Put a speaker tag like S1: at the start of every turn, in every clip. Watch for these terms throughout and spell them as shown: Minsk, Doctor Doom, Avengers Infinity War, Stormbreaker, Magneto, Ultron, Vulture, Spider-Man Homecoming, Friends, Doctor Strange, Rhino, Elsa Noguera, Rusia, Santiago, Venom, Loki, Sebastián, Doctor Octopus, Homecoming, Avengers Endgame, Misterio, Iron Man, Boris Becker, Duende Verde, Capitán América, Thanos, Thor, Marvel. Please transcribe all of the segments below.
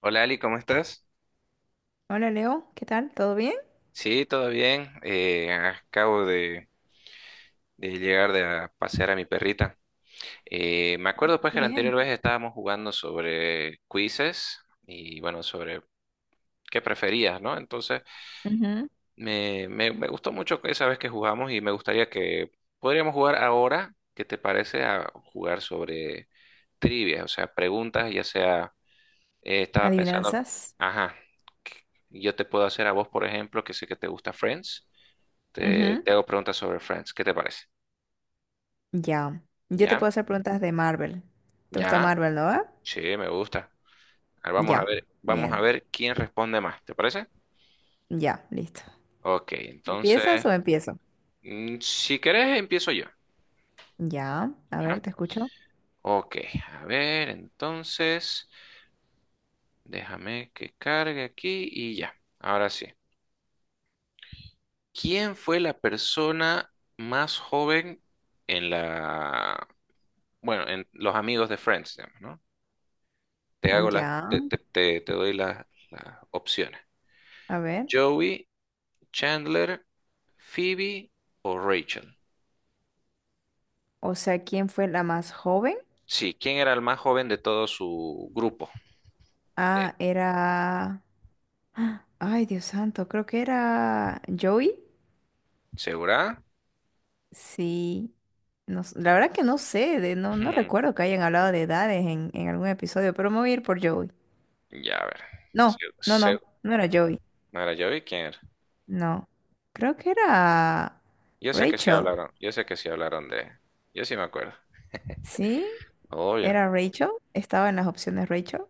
S1: Hola Ali, ¿cómo estás?
S2: Hola Leo, ¿qué tal? ¿Todo bien?
S1: Sí, todo bien. Acabo de llegar de a pasear a mi perrita. Me acuerdo pues que
S2: Todo
S1: la anterior
S2: bien.
S1: vez estábamos jugando sobre quizzes y bueno, sobre qué preferías, ¿no? Entonces
S2: Ujú.
S1: me gustó mucho esa vez que jugamos y me gustaría que podríamos jugar ahora, ¿qué te parece a jugar sobre trivia? O sea, preguntas, ya sea, estaba pensando,
S2: Adivinanzas.
S1: ajá, yo te puedo hacer a vos, por ejemplo, que sé que te gusta Friends. Te,
S2: Ujú.
S1: te hago preguntas sobre Friends. ¿Qué te parece?
S2: Ya. Yo te
S1: ¿Ya?
S2: puedo hacer preguntas de Marvel. ¿Te gusta
S1: ¿Ya?
S2: Marvel, no?
S1: Sí, me gusta. Ahora
S2: Ya.
S1: vamos a
S2: Bien.
S1: ver quién responde más. ¿Te parece?
S2: Ya, listo.
S1: Ok, entonces,
S2: ¿Empiezas o empiezo?
S1: si querés, empiezo yo.
S2: Ya. A
S1: ¿Ya?
S2: ver, te escucho.
S1: Ok, a ver, entonces, déjame que cargue aquí y ya. Ahora sí. ¿Quién fue la persona más joven en la, bueno, en los amigos de Friends, digamos, ¿no? Te hago las, te,
S2: Ya.
S1: te- te- te doy las opciones.
S2: A ver.
S1: Joey, Chandler, Phoebe o Rachel.
S2: O sea, ¿quién fue la más joven?
S1: Sí, ¿quién era el más joven de todo su grupo? Eh,
S2: Ah, era... ¡Ah! Ay, Dios santo, creo que era Joey.
S1: ¿Segura?
S2: Sí. No s- La verdad que no sé, no, no
S1: Hmm,
S2: recuerdo que hayan hablado de edades en algún episodio, pero me voy a ir por Joey.
S1: ya, a ver.
S2: No,
S1: Se-
S2: no,
S1: se-
S2: no, no era Joey.
S1: Mira, yo vi quién era.
S2: No. Creo que era
S1: Yo sé que sí
S2: Rachel.
S1: hablaron, yo sé que sí hablaron de... Yo sí me acuerdo.
S2: ¿Sí?
S1: Obvio.
S2: ¿Era Rachel? Estaba en las opciones Rachel.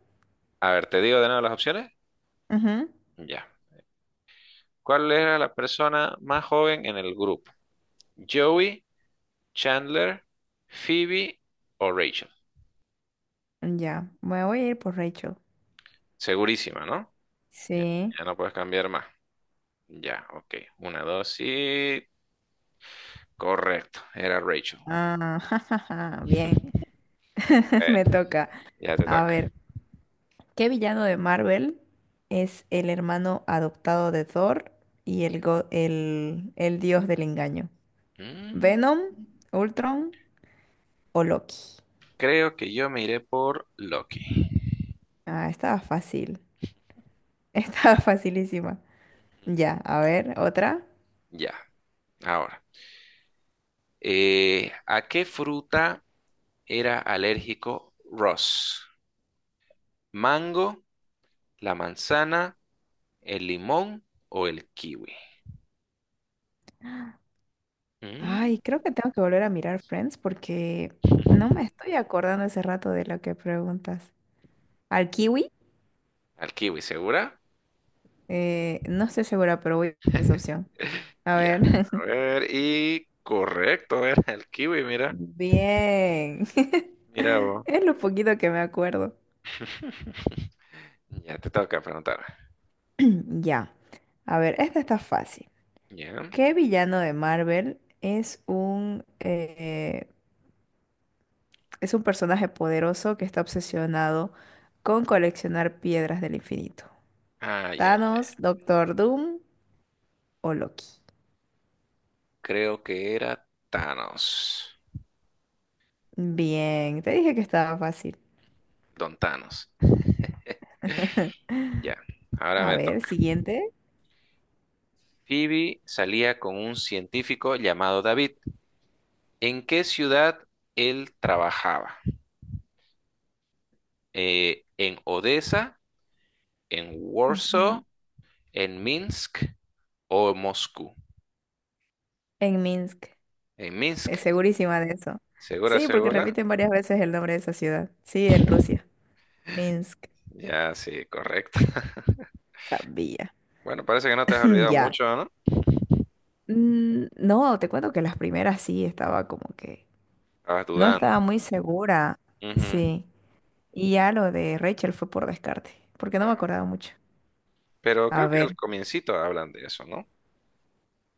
S1: A ver, ¿te digo de nuevo las opciones?
S2: Ujú.
S1: Ya. ¿Cuál era la persona más joven en el grupo? ¿Joey, Chandler, Phoebe o Rachel?
S2: Ya, me voy a ir por Rachel.
S1: Segurísima, ¿no? Ya,
S2: Sí.
S1: ya no puedes cambiar más. Ya, ok. Una, dos y... Correcto, era Rachel.
S2: Ah, jajaja, bien, me
S1: Eh,
S2: toca.
S1: ya te
S2: A
S1: toca.
S2: ver, ¿qué villano de Marvel es el hermano adoptado de Thor y el dios del engaño?
S1: Mm,
S2: ¿Venom, Ultron o Loki?
S1: creo que yo me iré por Loki.
S2: Ah, estaba fácil. Estaba facilísima. Ya, a ver, otra.
S1: Ya, ahora. ¿A qué fruta era alérgico Ross? ¿Mango, la manzana, el limón o el kiwi? Mm,
S2: Ay, creo que tengo que volver a mirar Friends porque no me estoy acordando ese rato de lo que preguntas. ¿Al kiwi?
S1: al kiwi, ¿segura?
S2: No estoy segura, pero voy a esa opción. A
S1: Ya,
S2: ver.
S1: a ver, y correcto, era el kiwi, mira,
S2: Bien.
S1: mira vos.
S2: Es lo poquito que me acuerdo.
S1: Ya te toca preguntar.
S2: Ya. A ver, esta está fácil.
S1: Ya.
S2: ¿Qué villano de Marvel es es un personaje poderoso que está obsesionado con coleccionar piedras del infinito?
S1: Ay, ay,
S2: Thanos, Doctor Doom o Loki.
S1: creo que era Thanos,
S2: Bien, te dije que estaba fácil.
S1: Don Thanos. Ya, ahora
S2: A
S1: me
S2: ver,
S1: toca.
S2: siguiente.
S1: Phoebe salía con un científico llamado David. ¿En qué ciudad él trabajaba? ¿En Odessa, en
S2: Ujú.
S1: Warsaw, en Minsk o Moscú?
S2: En Minsk.
S1: En
S2: Es
S1: Minsk.
S2: segurísima de eso.
S1: ¿Segura,
S2: Sí, porque
S1: segura?
S2: repiten varias veces el nombre de esa ciudad. Sí, en Rusia. Minsk.
S1: Ya, sí, correcto.
S2: Sabía.
S1: Bueno, parece que no te has olvidado
S2: Ya.
S1: mucho, ¿no?
S2: No, te cuento que las primeras sí estaba como que
S1: Estabas
S2: no
S1: dudando.
S2: estaba muy segura.
S1: Ujú,
S2: Sí. Y ya lo de Rachel fue por descarte, porque no me
S1: ajá.
S2: acordaba mucho.
S1: Pero
S2: A
S1: creo que al
S2: ver.
S1: comiencito hablan de eso, ¿no?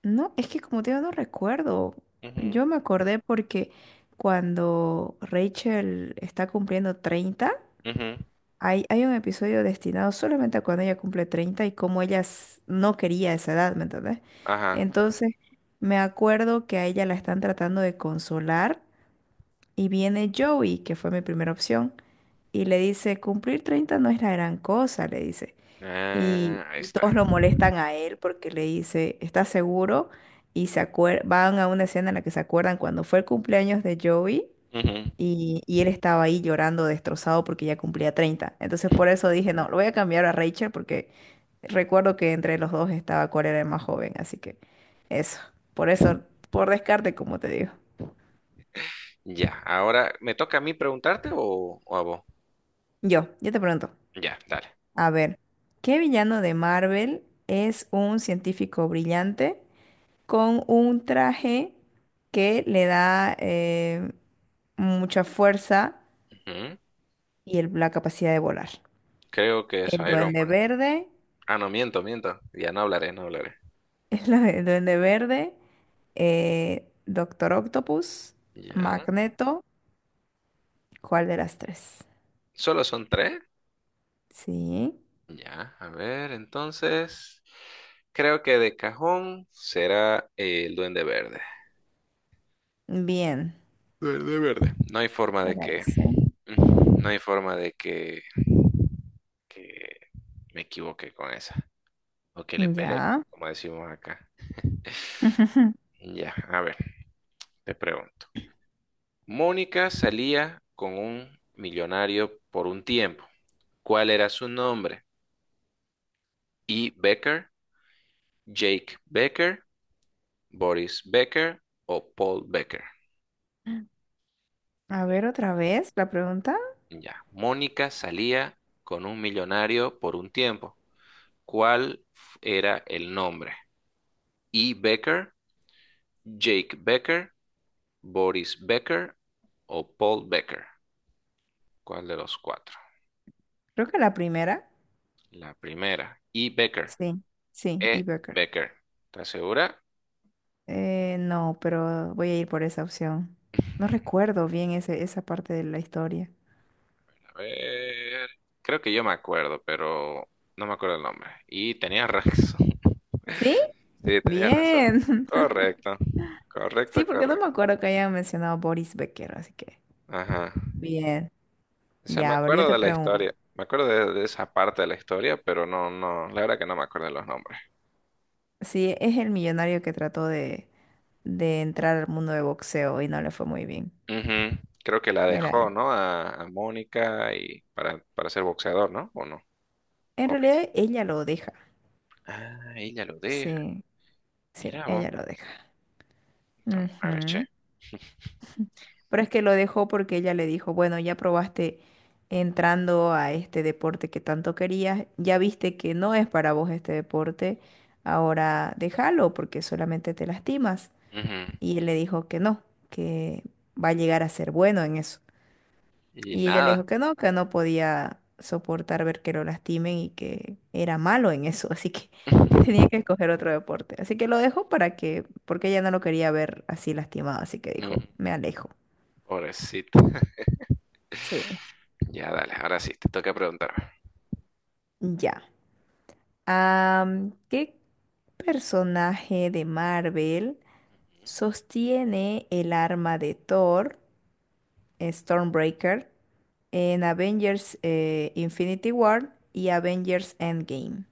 S2: No, es que como te digo, no recuerdo.
S1: Ujú,
S2: Yo me acordé porque cuando Rachel está cumpliendo 30,
S1: ujú.
S2: hay un episodio destinado solamente a cuando ella cumple 30 y cómo no quería esa edad, ¿me entendés?
S1: Ajá.
S2: Entonces, me acuerdo que a ella la están tratando de consolar y viene Joey, que fue mi primera opción, y le dice, cumplir 30 no es la gran cosa, le dice y,
S1: Ah, ahí
S2: y
S1: está.
S2: todos lo molestan a él porque le dice, ¿estás seguro? Y van a una escena en la que se acuerdan cuando fue el cumpleaños de Joey
S1: Ujú.
S2: y él estaba ahí llorando destrozado porque ya cumplía 30. Entonces por eso dije, no, lo voy a cambiar a Rachel porque recuerdo que entre los dos estaba cuál era el más joven, así que eso, por
S1: Ujú.
S2: eso, por descarte, como te digo.
S1: Ya, ahora, ¿me toca a mí preguntarte o a vos?
S2: Yo te pregunto,
S1: Ya, dale.
S2: a ver, ¿qué villano de Marvel es un científico brillante, con un traje que le da mucha fuerza
S1: Ujú.
S2: y la capacidad de volar?
S1: Creo que es
S2: El
S1: Iron
S2: duende
S1: Man.
S2: verde,
S1: Ah, no, miento, miento. Ya no hablaré, no hablaré.
S2: duende verde, Doctor Octopus,
S1: Ya.
S2: Magneto, ¿cuál de las tres?
S1: ¿Solo son tres?
S2: Sí,
S1: Ya, a ver, entonces. Creo que de cajón será el Duende Verde.
S2: bien,
S1: Duende Verde. No hay forma de
S2: era
S1: que.
S2: ese.
S1: Ujú. No hay forma de que me equivoque con esa. O que le pele,
S2: Ya.
S1: como decimos acá. Ya, a ver, te pregunto. Mónica salía con un millonario por un tiempo. ¿Cuál era su nombre? ¿E. Becker, Jake Becker, Boris Becker o Paul Becker?
S2: A ver otra vez la pregunta.
S1: Ya, Mónica salía con un millonario por un tiempo. ¿ era el nombre? ¿E. Becker, Jake Becker, Boris Becker o Paul Becker? ¿Cuál de los cuatro?
S2: Creo que la primera.
S1: La primera, E. Becker.
S2: Sí, sí, y
S1: E.
S2: Becker.
S1: Becker. ¿Estás segura?
S2: No, pero voy a ir por esa opción. No recuerdo bien esa parte de la historia.
S1: A ver, creo que yo me acuerdo, pero no me acuerdo el nombre. Y tenías razón.
S2: ¿Sí?
S1: Sí, tenías razón.
S2: Bien.
S1: Correcto,
S2: Sí,
S1: correcto,
S2: porque no me
S1: correcto.
S2: acuerdo que hayan mencionado Boris Becker, así que.
S1: Ajá.
S2: Bien.
S1: O sea, me
S2: Ya, ahora yo
S1: acuerdo
S2: te
S1: de la
S2: pregunto.
S1: historia. Me acuerdo de esa parte de la historia, pero no, no, la verdad que no me acuerdo de los nombres.
S2: Sí, es el millonario que trató de entrar al mundo de boxeo y no le fue muy bien.
S1: Ujú. Creo que la
S2: Era
S1: dejó,
S2: él.
S1: ¿no? A Mónica y para ser boxeador, ¿no? ¿O no?
S2: En
S1: O me-
S2: realidad, ella lo deja.
S1: Ah, ella lo deja.
S2: Sí, sí,
S1: Mira vos,
S2: ella lo deja.
S1: esta mujer, che.
S2: Ujú. Pero es que lo dejó porque ella le dijo, bueno, ya probaste entrando a este deporte que tanto querías, ya viste que no es para vos este deporte, ahora déjalo porque solamente te lastimas.
S1: Ujú.
S2: Y él le dijo que no, que va a llegar a ser bueno en eso.
S1: Y
S2: Y ella le
S1: nada.
S2: dijo que no podía soportar ver que lo lastimen y que era malo en eso, así que tenía que escoger otro deporte. Así que lo dejó para que, porque ella no lo quería ver así lastimado, así que
S1: Mm,
S2: dijo, me alejo.
S1: pobrecito.
S2: Sí.
S1: Ya, dale, ahora sí, te toca preguntarme.
S2: Ya. ¿Qué personaje de Marvel
S1: Ujú.
S2: sostiene el arma de Thor, Stormbreaker, en Avengers Infinity War y Avengers Endgame?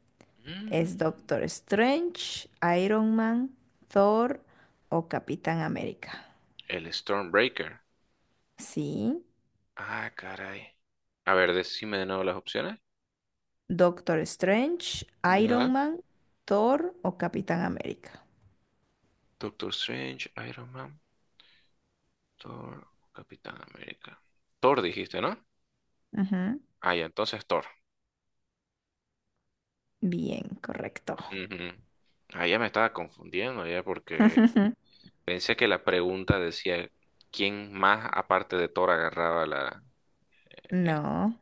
S2: ¿Es
S1: Mm,
S2: Doctor Strange, Iron Man, Thor o Capitán América?
S1: el Stormbreaker.
S2: Sí,
S1: Ah, caray. A ver, decime de nuevo las opciones.
S2: Doctor Strange, Iron
S1: Ya.
S2: Man, Thor o Capitán América.
S1: Doctor Strange, Iron Man, Thor, Capitán América. Thor dijiste, ¿no?
S2: Ujú.
S1: Ah, ya, entonces Thor.
S2: Bien, correcto.
S1: Ujú. Ah, ya me estaba confundiendo ya porque pensé que la pregunta decía quién más aparte de Thor agarraba la,
S2: No.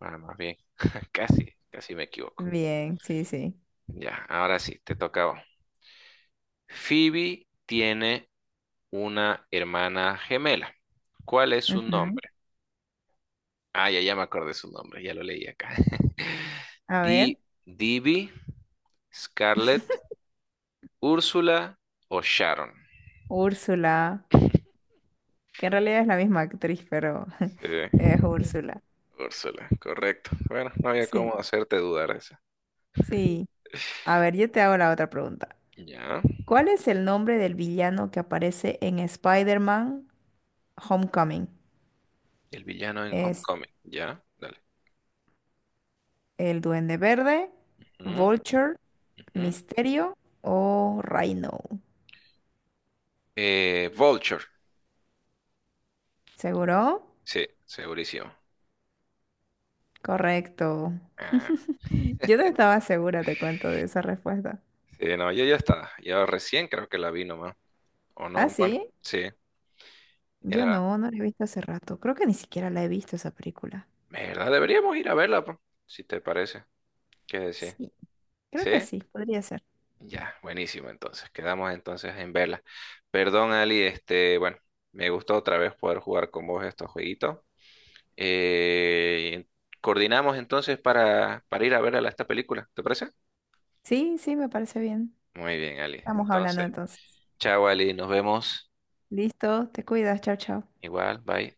S1: ah, más bien. Casi, casi me equivoco.
S2: Bien, sí, sí.
S1: Ya, ahora sí, te tocaba. Phoebe tiene una hermana gemela. ¿Cuál es su
S2: Ujú.
S1: nombre? Ah, ya, ya me acordé su nombre, ya lo leí acá.
S2: A ver,
S1: Di, Divi, Scarlett, Úrsula o Sharon.
S2: Úrsula, que en realidad es la misma actriz, pero es
S1: Sí,
S2: Úrsula.
S1: Úrsula, correcto. Bueno, no había
S2: Sí,
S1: cómo hacerte dudar esa.
S2: sí. A ver, yo te hago la otra pregunta.
S1: Ya.
S2: ¿Cuál es el nombre del villano que aparece en Spider-Man Homecoming?
S1: El villano en
S2: ¿Es
S1: Homecoming. Ya, dale.
S2: el Duende Verde,
S1: Ujú,
S2: Vulture,
S1: ujú.
S2: Misterio o Rhino?
S1: Vulture.
S2: ¿Seguro?
S1: Sí, segurísimo.
S2: Correcto.
S1: Ah,
S2: Yo no estaba segura, te cuento, de esa respuesta.
S1: sí, no, ya ya está. Ya recién creo que la vi nomás. ¿O
S2: ¿Ah,
S1: no? Bueno,
S2: sí?
S1: sí.
S2: Yo
S1: Era.
S2: no, no la he visto hace rato. Creo que ni siquiera la he visto esa película.
S1: ¿Verdad? Deberíamos ir a verla, po, si te parece. ¿Qué decir?
S2: Sí, creo
S1: ¿Sí?
S2: que sí, podría ser.
S1: Ya, buenísimo. Entonces, quedamos entonces en verla. Perdón, Ali, este, bueno, me gustó otra vez poder jugar con vos estos jueguitos. Eh, Coordinamos entonces para ir a ver esta película, ¿te parece?
S2: Sí, sí, me parece bien.
S1: Muy bien, Ali.
S2: Estamos hablando
S1: Entonces,
S2: entonces.
S1: chao, Ali, nos vemos.
S2: Listo, te cuidas, chao, chao.
S1: Igual, bye.